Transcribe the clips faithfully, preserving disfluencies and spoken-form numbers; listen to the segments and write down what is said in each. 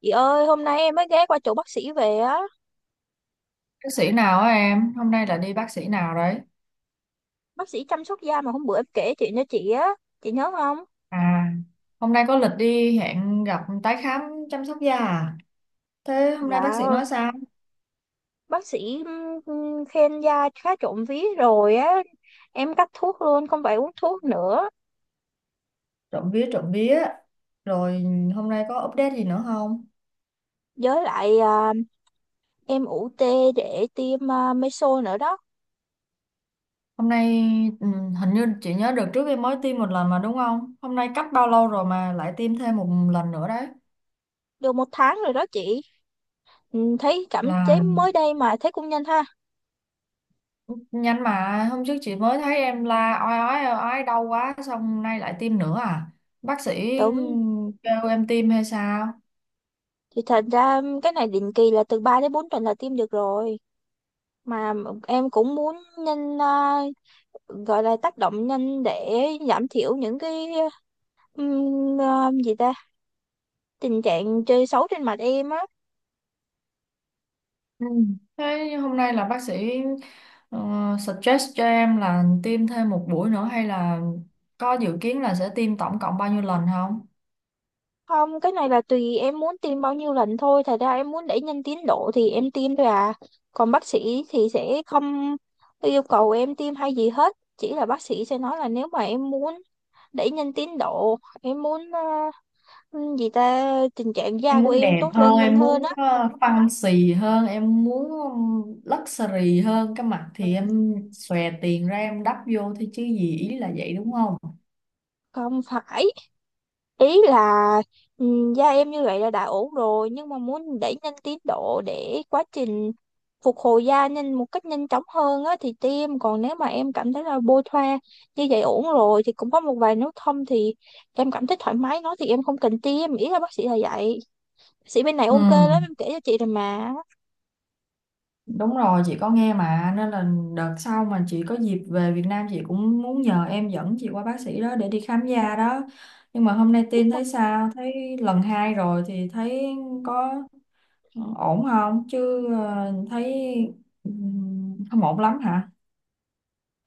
Chị ơi, hôm nay em mới ghé qua chỗ bác sĩ về á, Bác sĩ nào á em? Hôm nay là đi bác sĩ nào đấy? bác sĩ chăm sóc da mà hôm bữa em kể chuyện cho chị á, chị nhớ không? À, hôm nay có lịch đi hẹn gặp tái khám chăm sóc da à? Thế hôm nay bác Dạ, sĩ nói sao? bác sĩ ừm, khen da khá trộm vía rồi á, em cắt thuốc luôn, không phải uống thuốc nữa. Trộm vía trộm vía. Rồi hôm nay có update gì nữa không? Với lại à, em ủ tê để tiêm à, meso nữa đó, Hôm nay ừ, Hình như chị nhớ đợt trước em mới tiêm một lần mà đúng không? Hôm nay cách bao lâu rồi mà lại tiêm thêm một lần nữa đấy? được một tháng rồi đó chị. Ừm, thấy cảm chế Là mới đây mà thấy cũng nhanh ha. nhanh mà hôm trước chị mới thấy em la oai oái oai oái đau quá xong nay lại tiêm nữa à? Bác sĩ Đúng, kêu em tiêm hay sao? thì thật ra cái này định kỳ là từ ba đến bốn tuần là tiêm được rồi. Mà em cũng muốn nhanh à, gọi là tác động nhanh để giảm thiểu những cái ừm, à, gì ta, tình trạng chơi xấu trên mặt em á. Ừ. Thế hôm nay là bác sĩ ờ, suggest cho em là tiêm thêm một buổi nữa hay là có dự kiến là sẽ tiêm tổng cộng bao nhiêu lần không? Không, cái này là tùy em muốn tiêm bao nhiêu lần thôi, thật ra em muốn đẩy nhanh tiến độ thì em tiêm thôi à, còn bác sĩ thì sẽ không yêu cầu em tiêm hay gì hết, chỉ là bác sĩ sẽ nói là nếu mà em muốn đẩy nhanh tiến độ, em muốn à, gì ta, tình trạng da Em của muốn em đẹp tốt hơn, lên nhanh em hơn muốn á. ờ, fancy hơn, em muốn luxury hơn cái mặt thì em xòe tiền ra em đắp vô thôi chứ gì ý là vậy đúng không? Không phải, ý là ừm, da em như vậy là đã ổn rồi, nhưng mà muốn đẩy nhanh tiến độ để quá trình phục hồi da nhanh một cách nhanh chóng hơn á thì tiêm, còn nếu mà em cảm thấy là bôi thoa như vậy ổn rồi thì cũng có một vài nốt thâm, thì em cảm thấy thoải mái nó thì em không cần tiêm, ý là bác sĩ là vậy. Bác sĩ bên này Ừ. ok lắm, em kể cho chị rồi mà. Đúng rồi, chị có nghe mà nên là đợt sau mà chị có dịp về Việt Nam chị cũng muốn nhờ em dẫn chị qua bác sĩ đó để đi khám da đó. Nhưng mà hôm nay Nhưng tin mà thấy sao? Thấy lần hai rồi thì thấy có ổn không? Chứ ờ, thấy ừm, không ổn lắm hả?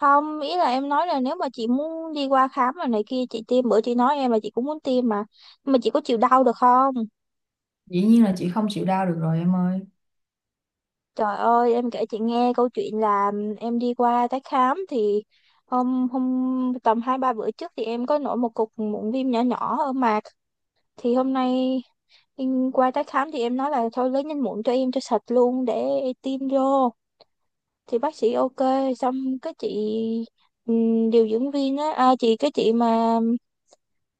không, ý là em nói là nếu mà chị muốn đi qua khám rồi này kia chị tiêm, bữa chị nói em là chị cũng muốn tiêm mà. Nhưng mà chị có chịu đau được không? Dĩ nhiên là chị không chịu đau được rồi em ơi. Trời ơi, em kể chị nghe câu chuyện là em đi qua tái khám thì hôm hôm tầm hai ba bữa trước thì em có nổi một cục mụn viêm nhỏ nhỏ ở mặt, thì hôm nay em qua tái khám thì em nói là thôi lấy nhanh mụn cho em cho sạch luôn để tiêm vô, thì bác sĩ ok, xong cái chị ừm, điều dưỡng viên á à, chị cái chị mà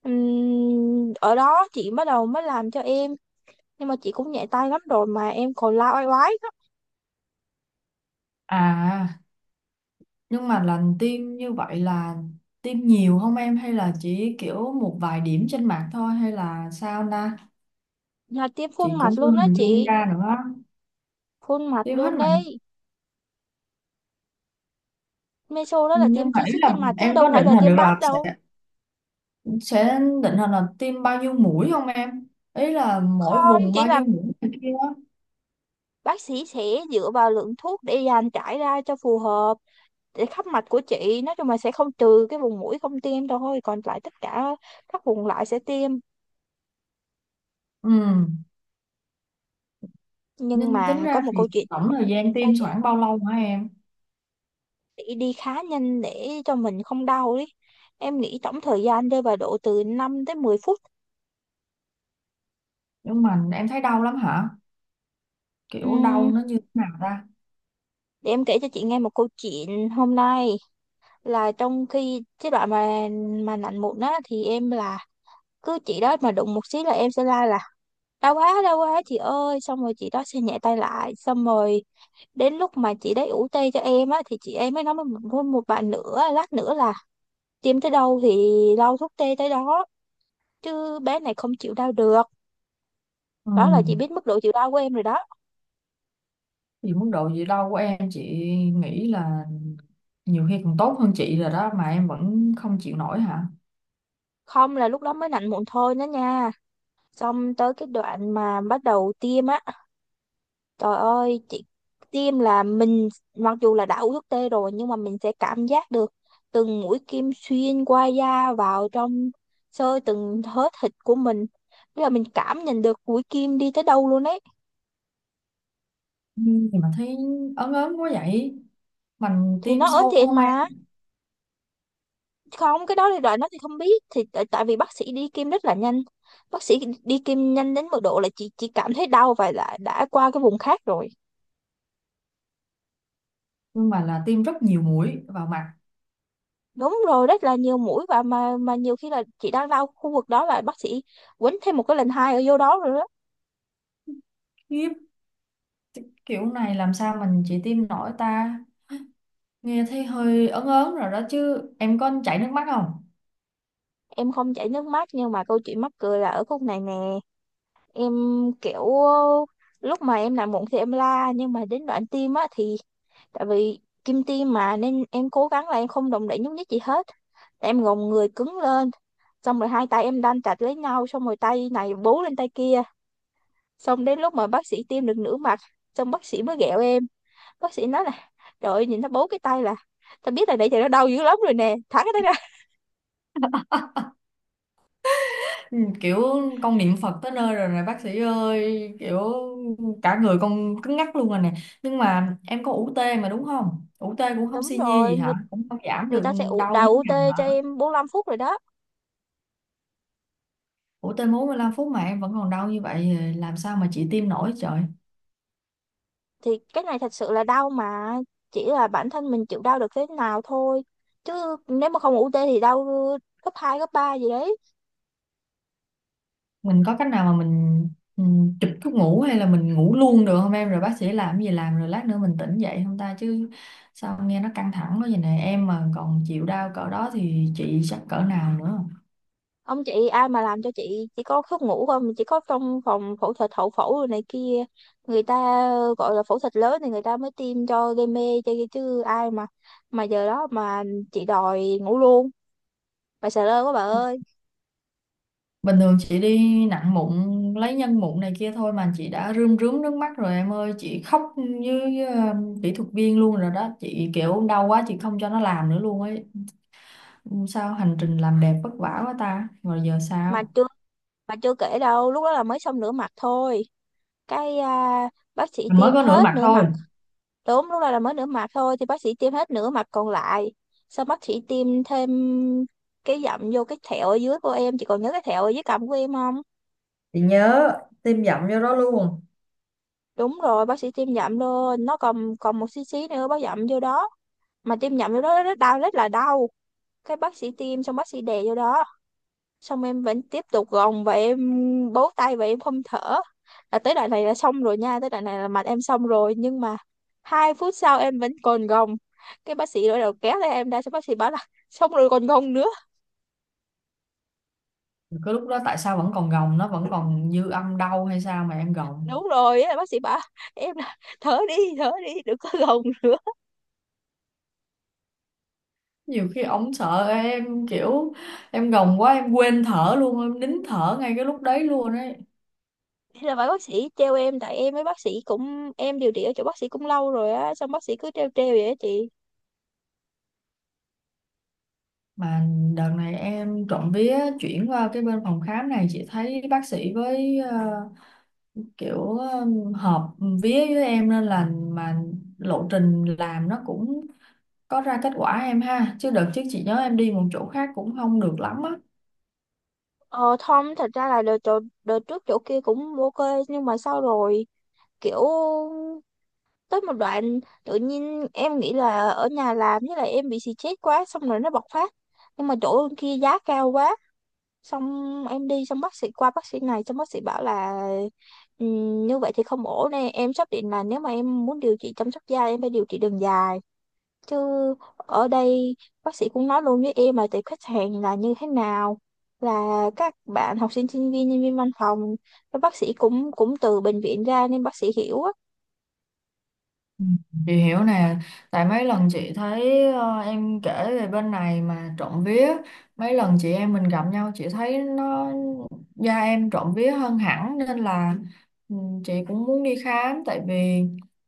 ừm, ở đó chị bắt đầu mới làm cho em, nhưng mà chị cũng nhẹ tay lắm rồi mà em còn la oai oái lắm. À, nhưng mà lần tiêm như vậy là tiêm nhiều không em hay là chỉ kiểu một vài điểm trên mặt thôi hay là sao na? Là tiêm Chị khuôn cũng mặt chưa luôn á hình dung chị, ra nữa. phun mặt Tiêm hết luôn mặt, đấy, meso đó là nhưng tiêm mà chi ý chít trên là mặt chứ em có đâu phải định là hình tiêm được bát là sẽ đâu. sẽ định hình là tiêm bao nhiêu mũi không em, ý là mỗi Không, vùng chỉ bao là nhiêu mũi này kia á. bác sĩ sẽ dựa vào lượng thuốc để dàn trải ra cho phù hợp để khắp mặt của chị, nói chung là sẽ không, trừ cái vùng mũi không tiêm thôi, còn lại tất cả các vùng lại sẽ tiêm. Ừ, Nhưng nên tính mà có ra một thì câu chuyện. tổng thời gian tiêm Sao chị? khoảng bao lâu hả em? Chị đi khá nhanh để cho mình không đau đi, em nghĩ tổng thời gian rơi vào độ từ năm tới mười phút. Nhưng mà em thấy đau lắm hả? Kiểu đau Ừm, nó như thế nào ta? để em kể cho chị nghe một câu chuyện hôm nay, là trong khi cái đoạn mà mà lạnh mụn á thì em là cứ chị đó mà đụng một xíu là em sẽ la là đau quá, đau quá chị ơi, xong rồi chị đó sẽ nhẹ tay lại, xong rồi đến lúc mà chị đấy ủ tê cho em á thì chị em mới nói với một, với một bạn nữa lát nữa là tiêm tới đâu thì lau thuốc tê tới đó, chứ bé này không chịu đau được. ừ Đó là chị biết mức độ chịu đau của em rồi đó. thì mức độ gì đau của em chị nghĩ là nhiều khi còn tốt hơn chị rồi đó mà em vẫn không chịu nổi hả? Không, là lúc đó mới nạnh mụn thôi đó nha, xong tới cái đoạn mà bắt đầu tiêm á, trời ơi chị, tiêm là mình mặc dù là đã uống thuốc tê rồi nhưng mà mình sẽ cảm giác được từng mũi kim xuyên qua da vào trong, xơ từng thớ thịt của mình. Tức là mình cảm nhận được mũi kim đi tới đâu luôn ấy. ừ, thì mà thấy ớn ớn quá vậy, mình Thì nó tiêm ớn sâu thiệt không em? mà. Không, cái đó thì đợi nó thì không biết. Thì tại tại vì bác sĩ đi kim rất là nhanh. Bác sĩ đi kim nhanh đến mức độ là chị chỉ cảm thấy đau và đã, đã qua cái vùng khác rồi. Nhưng mà là tiêm rất nhiều mũi vào mặt. Đúng rồi, rất là nhiều mũi, và mà mà nhiều khi là chị đang đau khu vực đó là bác sĩ quýnh thêm một cái lần hai ở vô đó rồi đó. Khiếp. Kiểu này làm sao mình chỉ tim nổi ta? Nghe thấy hơi ớn ớn rồi đó chứ. Em có chảy nước mắt không? Em không chảy nước mắt, nhưng mà câu chuyện mắc cười là ở khúc này nè, em kiểu ờ, lúc mà em làm mụn thì em la, nhưng mà đến đoạn tim á thì tại vì kim tim mà nên em cố gắng là em không động đậy nhúc nhích gì hết, em gồng người cứng lên, xong rồi hai tay em đan chặt lấy nhau, xong rồi tay này bú lên tay kia, xong đến lúc mà bác sĩ tiêm được nửa mặt, xong bác sĩ mới ghẹo em. Bác sĩ nói là trời ơi, nhìn nó bốn cái tay là tao biết là nãy giờ nó đau dữ lắm rồi nè, thả cái đó ra. Ừ, kiểu con niệm Phật tới nơi rồi này bác sĩ ơi. Kiểu cả người con cứng ngắc luôn rồi nè. Nhưng mà em có u tê mà đúng không? U tê cũng không Đúng xi nhê gì rồi, hả? người Cũng không giảm người được ta sẽ ụ đau đào miếng hàm u tê cho hả? em bốn lăm phút rồi đó. Ủ tê bốn mươi lăm phút mà em vẫn còn đau như vậy làm sao mà chị tim nổi trời. Thì cái này thật sự là đau mà, chỉ là bản thân mình chịu đau được thế nào thôi, chứ nếu mà không u tê thì đau gấp hai gấp ba gì đấy. Mình có cách nào mà mình ừ, chụp thuốc ngủ hay là mình ngủ luôn được không em, rồi bác sĩ làm cái gì làm rồi lát nữa mình tỉnh dậy không ta, chứ sao nghe nó căng thẳng quá vậy này, em mà còn chịu đau cỡ đó thì chị chắc cỡ nào nữa. Ông chị, ai mà làm cho chị, chỉ có thuốc ngủ không, chỉ có trong phòng phẫu thuật, hậu phẫu rồi này kia, người ta gọi là phẫu thuật lớn thì người ta mới tiêm cho, gây mê cho, chứ ai mà mà giờ đó mà chị đòi ngủ luôn, bà sợ lơ quá bà ơi. Bình thường chị đi nặng mụn lấy nhân mụn này kia thôi mà chị đã rơm rớm nước mắt rồi em ơi, chị khóc với ờ, kỹ thuật viên luôn rồi đó chị, kiểu đau quá chị không cho nó làm nữa luôn ấy. Ừ, sao hành trình làm đẹp vất vả quá ta, rồi giờ sao? Mà chưa mà chưa kể đâu, lúc đó là mới xong nửa mặt thôi cái à, bác sĩ Mới tiêm có nửa hết mặt nửa thôi? mặt. Đúng, lúc đó là mới nửa mặt thôi thì bác sĩ tiêm hết nửa mặt còn lại, sau bác sĩ tiêm thêm cái dặm vô cái thẹo ở dưới của em, chị còn nhớ cái thẹo ở dưới cằm của em không? Chị nhớ. Tiêm dặm vô đó luôn? Đúng rồi, bác sĩ tiêm dặm vô nó, còn còn một xí xí nữa bác dặm vô đó, mà tiêm dặm vô đó rất đau, rất là đau. Cái bác sĩ tiêm xong bác sĩ đè vô đó, xong em vẫn tiếp tục gồng và em bấu tay và em không thở, là tới đoạn này là xong rồi nha, tới đoạn này là mặt em xong rồi, nhưng mà hai phút sau em vẫn còn gồng. Cái bác sĩ bắt đầu kéo tay em ra, xong bác sĩ bảo là xong rồi còn gồng nữa. Cái lúc đó tại sao vẫn còn gồng, nó vẫn còn dư âm đau hay sao mà em gồng? Đúng rồi á, bác sĩ bảo em là thở đi, thở đi, đừng có gồng nữa. Nhiều khi ổng sợ em kiểu em gồng quá em quên thở luôn, em nín thở ngay cái lúc đấy luôn ấy. Thế là bà bác sĩ treo em, tại em với bác sĩ cũng, em điều trị ở chỗ bác sĩ cũng lâu rồi á, xong bác sĩ cứ treo treo vậy á chị. Mà đợt này em trộm vía chuyển qua cái bên phòng khám này, chị thấy bác sĩ với ờ, kiểu ờ, hợp vía với em nên là mà lộ trình làm nó cũng có ra kết quả em ha, chứ đợt trước chị nhớ em đi một chỗ khác cũng không được lắm á. ờ Tom thật ra là đợt, chỗ- đợt trước chỗ kia cũng ok, nhưng mà sau rồi kiểu tới một đoạn tự nhiên em nghĩ là ở nhà làm, với lại em bị stress quá xong rồi nó bộc phát, nhưng mà chỗ kia giá cao quá, xong em đi xong bác sĩ qua bác sĩ này xong bác sĩ bảo là "Ừm, như vậy thì không ổn nè em, xác định là nếu mà em muốn điều trị chăm sóc da em phải điều trị đường dài chứ, ở đây bác sĩ cũng nói luôn với em là tệp khách hàng là như thế nào, là các bạn học sinh sinh viên, nhân viên văn phòng, các bác sĩ cũng cũng từ bệnh viện ra nên bác sĩ hiểu á. Ừ, chị hiểu nè, tại mấy lần chị thấy ờ, em kể về bên này mà trộm vía, mấy lần chị em mình gặp nhau chị thấy nó da em trộm vía hơn hẳn nên là ừ, chị cũng muốn đi khám, tại vì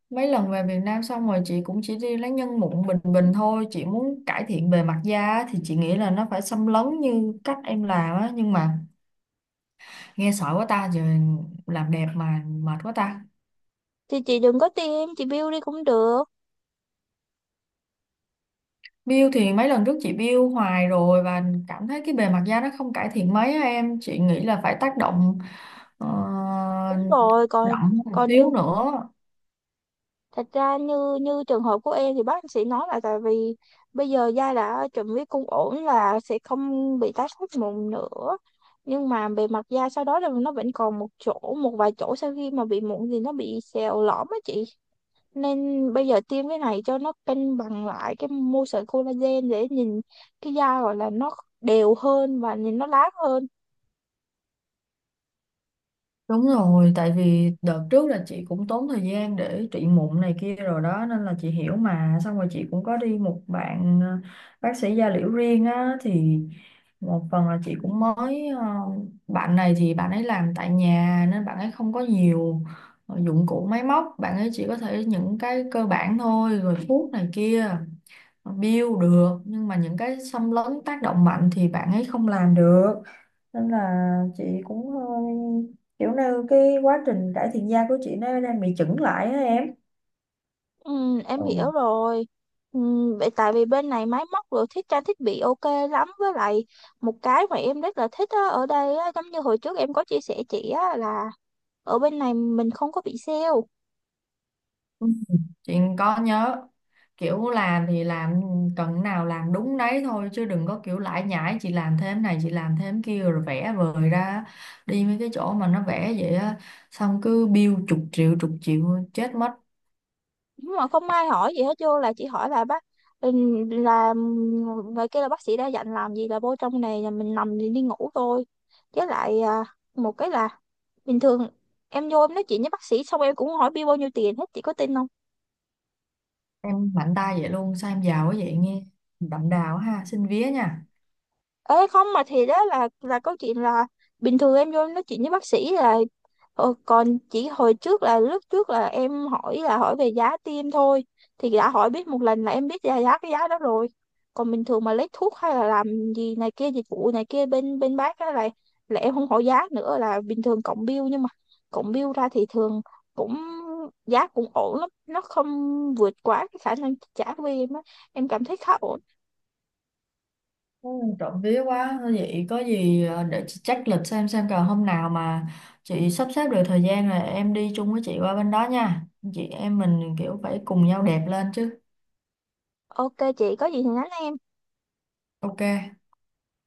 mấy lần về Việt Nam xong rồi chị cũng chỉ đi lấy nhân mụn bình bình thôi, chị muốn cải thiện bề mặt da á, thì chị nghĩ là nó phải xâm lấn như cách em làm á, nhưng mà nghe sợ quá ta, giờ làm đẹp mà mệt quá ta. Thì chị đừng có tiêm, chị bill đi cũng được. Bill thì mấy lần trước chị bill hoài rồi và cảm thấy cái bề mặt da nó không cải thiện mấy á em, chị nghĩ là phải tác động ờ, Đúng rồi, còn đậm một còn xíu như nữa. thật ra như như trường hợp của em thì bác sĩ nói là tại vì bây giờ da đã chuẩn bị cung ổn là sẽ không bị tái phát mụn nữa, nhưng mà bề mặt da sau đó là nó vẫn còn một chỗ, một vài chỗ sau khi mà bị mụn thì nó bị sẹo lõm á chị, nên bây giờ tiêm cái này cho nó cân bằng lại cái mô sợi collagen để nhìn cái da, gọi là nó đều hơn và nhìn nó láng hơn. Đúng rồi, tại vì đợt trước là chị cũng tốn thời gian để trị mụn này kia rồi đó nên là chị hiểu mà, xong rồi chị cũng có đi một bạn ờ, bác sĩ da liễu riêng á, thì một phần là chị cũng mới ờ, bạn này thì bạn ấy làm tại nhà nên bạn ấy không có nhiều ờ, dụng cụ máy móc, bạn ấy chỉ có thể những cái cơ bản thôi rồi thuốc này kia build được, nhưng mà những cái xâm lấn tác động mạnh thì bạn ấy không làm được, nên là chị cũng hơi kiểu như cái quá trình cải thiện da của chị nó đang bị chững lại á em. Ừ, em Ừ. hiểu rồi. Ừ, vậy tại vì bên này máy móc rồi thiết, trang thiết bị ok lắm, với lại một cái mà em rất là thích á, ở đây á, giống như hồi trước em có chia sẻ chị á, là ở bên này mình không có bị sale, Ừ. Chị có nhớ, kiểu làm thì làm, cần nào làm đúng đấy thôi chứ đừng có kiểu lải nhải chị làm thêm này chị làm thêm kia rồi vẽ vời ra. Đi mấy cái chỗ mà nó vẽ vậy á, xong cứ bill chục triệu chục triệu, chết mất. nhưng mà không ai hỏi gì hết, vô là chỉ hỏi là bác ừ, là người kia là bác sĩ đã dặn làm gì, là vô trong này là mình nằm thì đi ngủ thôi. Với lại à, một cái là bình thường em vô em nói chuyện với bác sĩ xong em cũng hỏi bill bao nhiêu tiền hết, chị có tin không? Em mạnh tay vậy luôn sao, em giàu quá vậy nghe, đậm đào ha, xin vía nha. Ê không mà, thì đó là là câu chuyện là bình thường em vô em nói chuyện với bác sĩ là ờ, còn chỉ hồi trước là lúc trước là em hỏi là hỏi về giá tiêm thôi, thì đã hỏi biết một lần là em biết giá, giá cái giá đó rồi. Còn bình thường mà lấy thuốc hay là làm gì này kia, dịch vụ này kia bên bên bác á, là là em không hỏi giá nữa, là bình thường cộng bill, nhưng mà cộng bill ra thì thường cũng giá cũng ổn lắm, nó không vượt quá cái khả năng chi trả của em á, em cảm thấy khá ổn. ừ, Trộm vía quá. Thôi vậy có gì ờ, để chị check lịch xem xem còn hôm nào mà chị sắp xếp được thời gian là em đi chung với chị qua bên đó nha, chị em mình kiểu phải cùng nhau đẹp lên chứ. Ok chị, có gì thì nhắn em. OK.